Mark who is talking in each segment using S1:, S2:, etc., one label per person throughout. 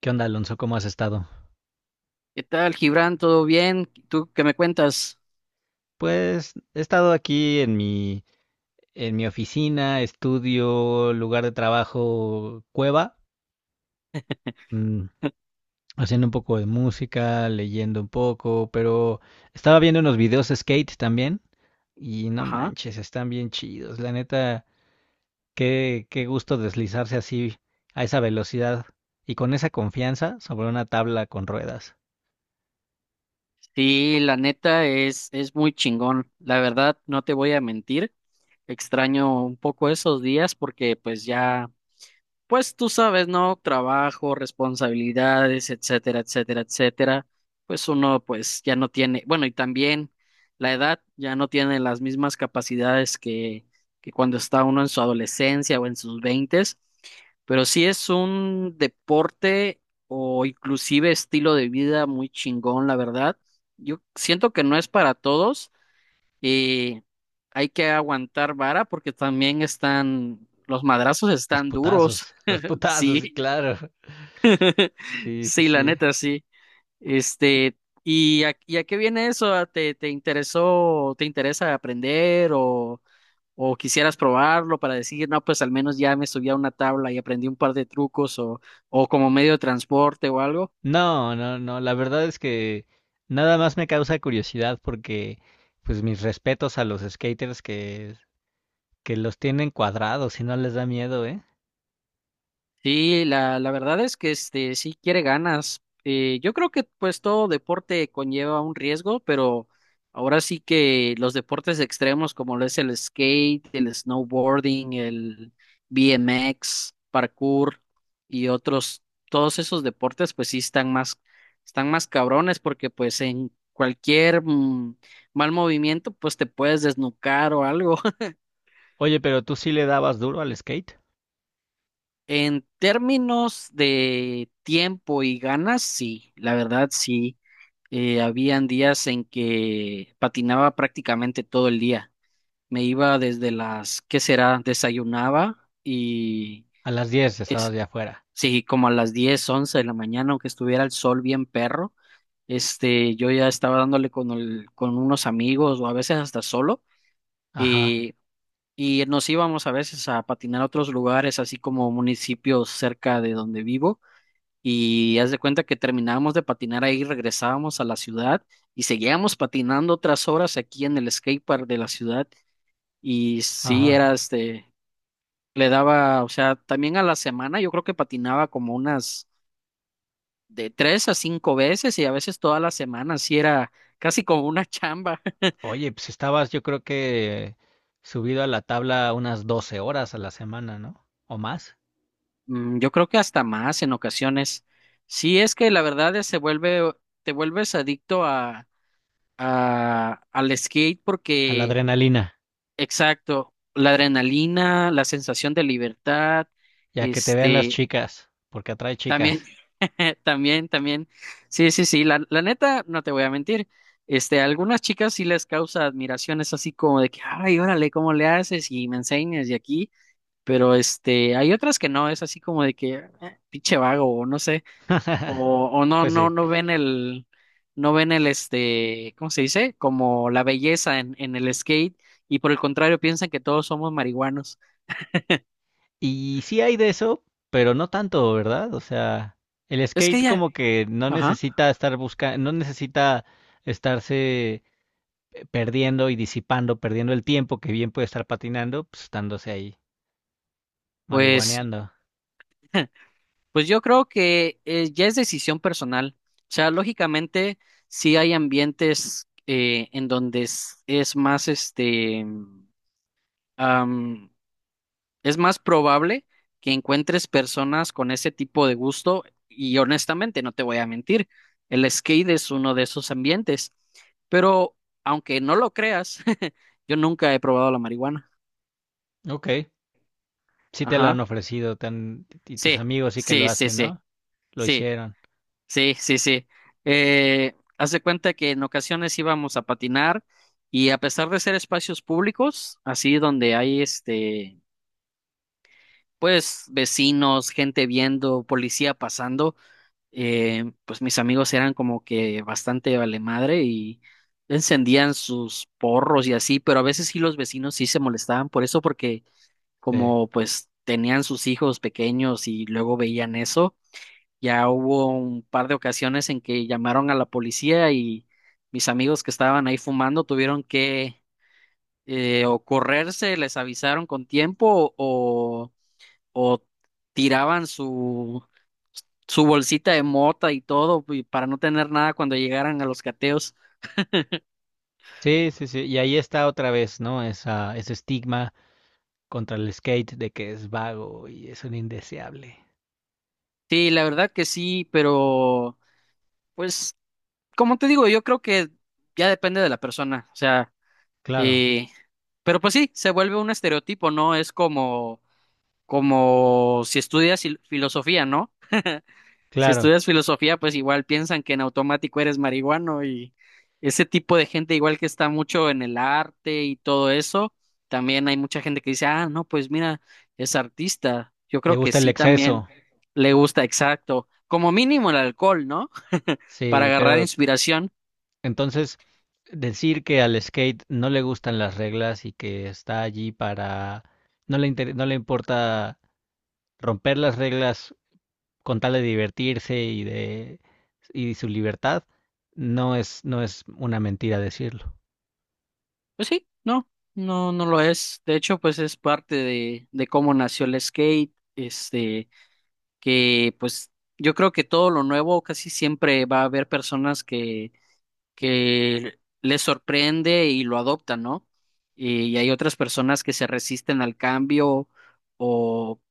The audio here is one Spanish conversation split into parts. S1: ¿Qué onda, Alonso? ¿Cómo has estado?
S2: ¿Qué tal, Gibran? ¿Todo bien? ¿Tú qué me cuentas?
S1: Pues he estado aquí en mi oficina, estudio, lugar de trabajo, cueva, Mm, haciendo un poco de música, leyendo un poco, pero estaba viendo unos videos de skate también y no
S2: Ajá.
S1: manches, están bien chidos. La neta, qué gusto deslizarse así a esa velocidad y con esa confianza sobre una tabla con ruedas.
S2: Sí, la neta es muy chingón. La verdad, no te voy a mentir. Extraño un poco esos días porque pues ya. Pues tú sabes, ¿no? Trabajo, responsabilidades, etcétera, etcétera, etcétera. Pues uno pues ya no tiene, bueno, y también la edad ya no tiene las mismas capacidades que cuando está uno en su adolescencia o en sus veintes, pero sí es un deporte o inclusive estilo de vida muy chingón, la verdad. Yo siento que no es para todos. Y hay que aguantar vara porque también están, los madrazos están duros.
S1: Los putazos,
S2: Sí,
S1: sí, claro. Sí, sí,
S2: sí, la
S1: sí.
S2: neta, sí. Este, ¿Y a qué viene eso? ¿Te interesó, te interesa aprender o quisieras probarlo para decir, no, pues al menos ya me subí a una tabla y aprendí un par de trucos o como medio de transporte o algo?
S1: No, no, no, la verdad es que nada más me causa curiosidad pues mis respetos a los skaters que los tienen cuadrados y no les da miedo, ¿eh?
S2: Sí, la verdad es que sí quiere ganas. Yo creo que pues todo deporte conlleva un riesgo, pero ahora sí que los deportes extremos como lo es el skate, el snowboarding, el BMX, parkour y otros, todos esos deportes pues sí están más cabrones porque pues en cualquier mal movimiento pues te puedes desnucar o algo.
S1: Oye, pero tú sí le dabas duro al skate.
S2: En términos de tiempo y ganas, sí, la verdad sí. Habían días en que patinaba prácticamente todo el día. Me iba desde las, ¿qué será? Desayunaba y
S1: A las 10 estabas
S2: es,
S1: ya afuera.
S2: sí, como a las 10, 11 de la mañana, aunque estuviera el sol bien perro, yo ya estaba dándole con con unos amigos o a veces hasta solo
S1: Ajá,
S2: y, y nos íbamos a veces a patinar a otros lugares, así como municipios cerca de donde vivo. Y haz de cuenta que terminábamos de patinar ahí, regresábamos a la ciudad y seguíamos patinando otras horas aquí en el skatepark de la ciudad. Y sí,
S1: ajá.
S2: era le daba, o sea, también a la semana yo creo que patinaba como unas de tres a cinco veces y a veces toda la semana, sí era casi como una chamba.
S1: Oye, pues estabas yo creo que subido a la tabla unas 12 horas a la semana, ¿no? O más.
S2: Yo creo que hasta más en ocasiones. Sí, es que la verdad es se vuelve, te vuelves adicto al skate
S1: A la
S2: porque.
S1: adrenalina,
S2: Exacto, la adrenalina, la sensación de libertad,
S1: ya que te vean las
S2: este,
S1: chicas, porque atrae chicas.
S2: también, también, también, sí, sí, sí, la neta, no te voy a mentir, a algunas chicas sí les causa admiración, es así como de que, ay, órale, ¿cómo le haces? Y me enseñas y aquí, pero hay otras que no, es así como de que, pinche vago, o no sé, o no,
S1: Pues
S2: no,
S1: sí.
S2: no ven el ¿cómo se dice? Como la belleza en el skate, y por el contrario piensan que todos somos marihuanos.
S1: Y sí hay de eso, pero no tanto, ¿verdad? O sea, el
S2: Es que
S1: skate
S2: ya,
S1: como que no
S2: ajá,
S1: necesita estar buscando, no necesita estarse perdiendo y disipando, perdiendo el tiempo que bien puede estar patinando, pues estándose ahí
S2: pues,
S1: marihuaneando.
S2: pues yo creo que ya es decisión personal. O sea, lógicamente, sí hay ambientes en donde es más. Este Es más probable que encuentres personas con ese tipo de gusto y honestamente, no te voy a mentir, el skate es uno de esos ambientes. Pero aunque no lo creas, yo nunca he probado la marihuana.
S1: Ok, sí te lo
S2: Ajá.
S1: han ofrecido, te han- y tus
S2: Sí,
S1: amigos sí que lo
S2: sí, sí,
S1: hacen,
S2: sí,
S1: ¿no? Lo
S2: sí,
S1: hicieron.
S2: sí, sí, sí. Haz de cuenta que en ocasiones íbamos a patinar y a pesar de ser espacios públicos, así donde hay pues vecinos, gente viendo, policía pasando. Pues mis amigos eran como que bastante vale madre y encendían sus porros y así, pero a veces sí los vecinos sí se molestaban por eso, porque
S1: Sí.
S2: como pues tenían sus hijos pequeños y luego veían eso, ya hubo un par de ocasiones en que llamaron a la policía y mis amigos que estaban ahí fumando tuvieron que o correrse, les avisaron con tiempo o tiraban su bolsita de mota y todo, y para no tener nada cuando llegaran a los cateos.
S1: Sí, sí, sí. Y ahí está otra vez, ¿no? Esa, ese estigma contra el skate de que es vago y es un indeseable.
S2: Sí, la verdad que sí, pero pues, como te digo, yo creo que ya depende de la persona, o sea,
S1: Claro,
S2: eh, pero pues sí, se vuelve un estereotipo, ¿no? Es como si estudias filosofía, ¿no? Si
S1: claro.
S2: estudias filosofía, pues igual piensan que en automático eres marihuano y ese tipo de gente igual que está mucho en el arte y todo eso, también hay mucha gente que dice, ah, no, pues mira, es artista. Yo
S1: Le
S2: creo que
S1: gusta el
S2: sí también
S1: exceso,
S2: le gusta, exacto. Como mínimo el alcohol, ¿no? Para
S1: sí,
S2: agarrar
S1: pero
S2: inspiración.
S1: entonces decir que al skate no le gustan las reglas y que está allí para... No le inter- no le importa romper las reglas con tal de divertirse y de y su libertad, no es, no es una mentira decirlo.
S2: Pues sí, no, no, no lo es. De hecho, pues es parte de cómo nació el skate, que pues yo creo que todo lo nuevo casi siempre va a haber personas que les sorprende y lo adoptan, ¿no? Y hay otras personas que se resisten al cambio o,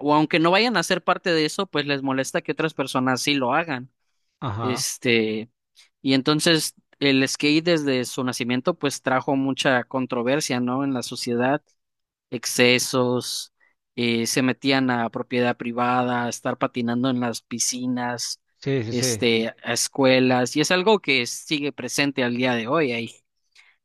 S2: o aunque no vayan a ser parte de eso, pues les molesta que otras personas sí lo hagan.
S1: Ajá,
S2: Este, y entonces el skate desde su nacimiento pues trajo mucha controversia, ¿no? En la sociedad excesos, se metían a propiedad privada, a estar patinando en las piscinas,
S1: sí, sí, sí,
S2: a escuelas, y es algo que sigue presente al día de hoy. Hay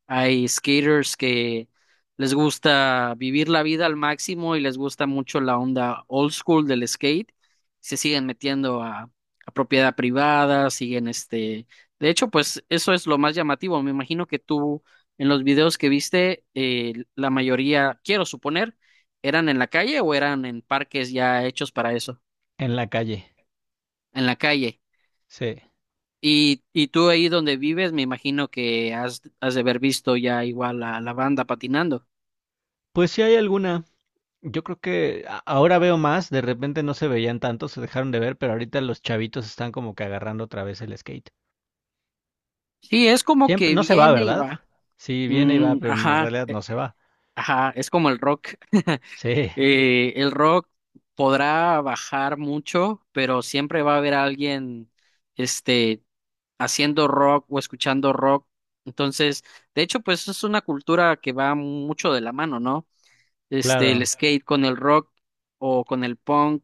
S2: hay skaters que les gusta vivir la vida al máximo y les gusta mucho la onda old school del skate. Se siguen metiendo a propiedad privada, siguen. De hecho, pues eso es lo más llamativo. Me imagino que tú en los videos que viste, la mayoría, quiero suponer, eran en la calle o eran en parques ya hechos para eso,
S1: en la calle,
S2: en la calle.
S1: sí.
S2: Y tú ahí donde vives, me imagino que has de haber visto ya igual a la banda patinando.
S1: Pues si hay alguna, yo creo que a- ahora veo más, de repente no se veían tanto, se dejaron de ver, pero ahorita los chavitos están como que agarrando otra vez el skate.
S2: Sí, es como
S1: Siempre,
S2: que
S1: no se va,
S2: viene y
S1: ¿verdad?
S2: va.
S1: Sí, viene y va,
S2: Mm,
S1: pero en
S2: ajá,
S1: realidad no se va.
S2: ajá, es como el rock.
S1: Sí,
S2: El rock podrá bajar mucho, pero siempre va a haber alguien, este, haciendo rock o escuchando rock. Entonces, de hecho, pues es una cultura que va mucho de la mano, ¿no? El
S1: claro.
S2: skate con el rock o con el punk.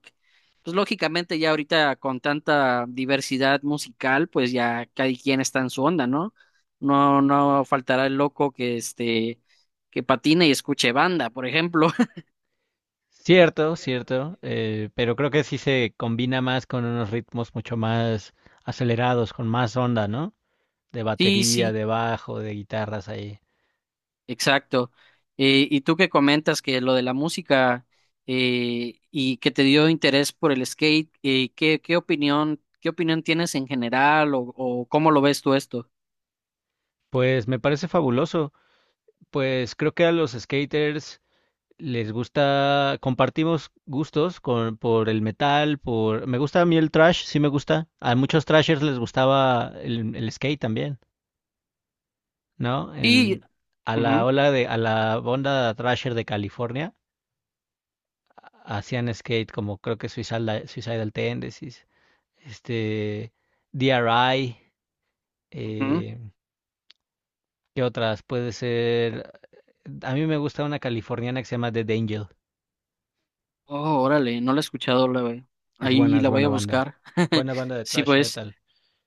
S2: Pues lógicamente ya ahorita con tanta diversidad musical, pues ya cada quien está en su onda, ¿no? No, no faltará el loco que que patine y escuche banda, por ejemplo.
S1: Cierto, cierto, pero creo que sí se combina más con unos ritmos mucho más acelerados, con más onda, ¿no? De
S2: Sí,
S1: batería,
S2: sí,
S1: de bajo, de guitarras ahí.
S2: exacto. Y tú que comentas que lo de la música y que te dio interés por el skate, ¿qué opinión tienes en general o cómo lo ves tú esto?
S1: Pues me parece fabuloso. Pues creo que a los skaters les gusta, compartimos gustos por el metal, por... Me gusta a mí el trash, sí me gusta. A muchos trashers les gustaba el skate también. ¿No?
S2: Sí,
S1: A la
S2: ujú,
S1: ola de, a la onda thrasher de California, hacían skate como creo que Suicidal, Suicidal Tendencies, este, DRI,
S2: ujú.
S1: eh, ¿qué otras? Puede ser, a mí me gusta una californiana que se llama The Angel,
S2: Oh, órale, no la he escuchado, ahí
S1: es
S2: la voy a buscar.
S1: buena banda de
S2: Sí,
S1: thrash
S2: pues,
S1: metal.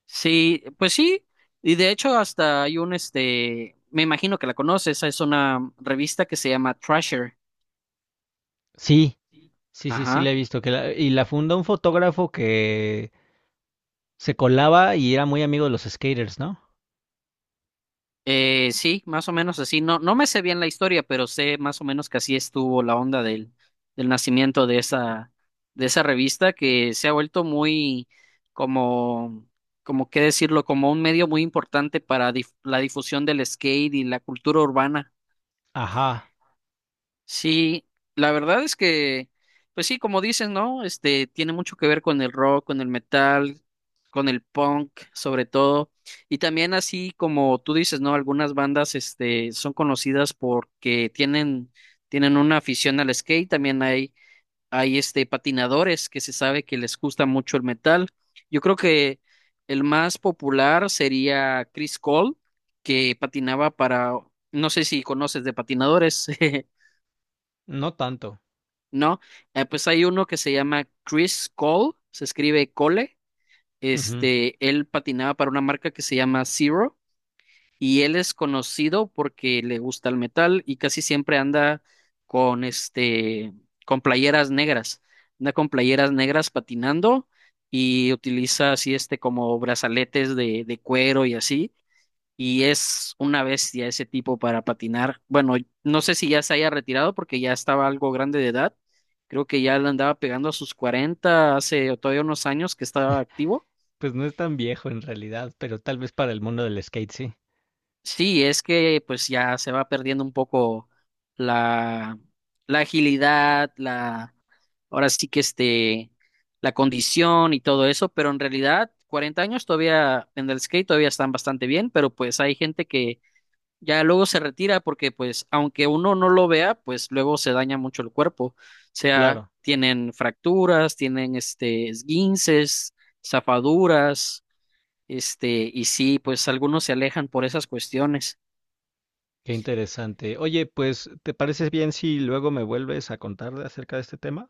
S2: sí, pues sí, y de hecho hasta hay me imagino que la conoces, es una revista que se llama Thrasher.
S1: Sí, sí, sí, sí
S2: Ajá.
S1: la he visto, que la- y la fundó un fotógrafo que se colaba y era muy amigo de los skaters, ¿no?
S2: Sí, más o menos así. No, no me sé bien la historia, pero sé más o menos que así estuvo la onda del nacimiento de esa revista que se ha vuelto muy, como, como qué decirlo, como un medio muy importante para la difusión del skate y la cultura urbana.
S1: Ajá,
S2: Sí, la verdad es que, pues sí, como dices, ¿no? Este tiene mucho que ver con el rock, con el metal, con el punk, sobre todo. Y también así como tú dices, ¿no? Algunas bandas, son conocidas porque tienen una afición al skate. También hay patinadores que se sabe que les gusta mucho el metal. Yo creo que el más popular sería Chris Cole, que patinaba para, no sé si conoces de patinadores.
S1: no tanto.
S2: No, pues hay uno que se llama Chris Cole, se escribe Cole.
S1: Ujú.
S2: Él patinaba para una marca que se llama Zero y él es conocido porque le gusta el metal y casi siempre anda con con playeras negras. Anda con playeras negras patinando y utiliza así como brazaletes de cuero y así y es una bestia ese tipo para patinar. Bueno, no sé si ya se haya retirado porque ya estaba algo grande de edad. Creo que ya le andaba pegando a sus 40 hace todavía unos años que estaba activo.
S1: Pues no es tan viejo en realidad, pero tal vez para el mundo del skate sí.
S2: Sí, es que pues ya se va perdiendo un poco la, la agilidad, ahora sí que la condición y todo eso, pero en realidad 40 años todavía en el skate todavía están bastante bien, pero pues hay gente que ya luego se retira porque pues aunque uno no lo vea, pues luego se daña mucho el cuerpo. O sea,
S1: Claro,
S2: tienen fracturas, tienen esguinces, zafaduras, y sí, pues algunos se alejan por esas cuestiones.
S1: qué interesante. Oye, pues, ¿te parece bien si luego me vuelves a contar de- acerca de este tema?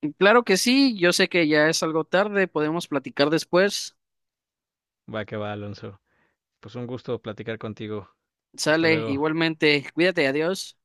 S2: Y claro que sí, yo sé que ya es algo tarde, podemos platicar después.
S1: Va que va, Alonso. Pues un gusto platicar contigo. Hasta
S2: Sale,
S1: luego.
S2: igualmente, cuídate, adiós.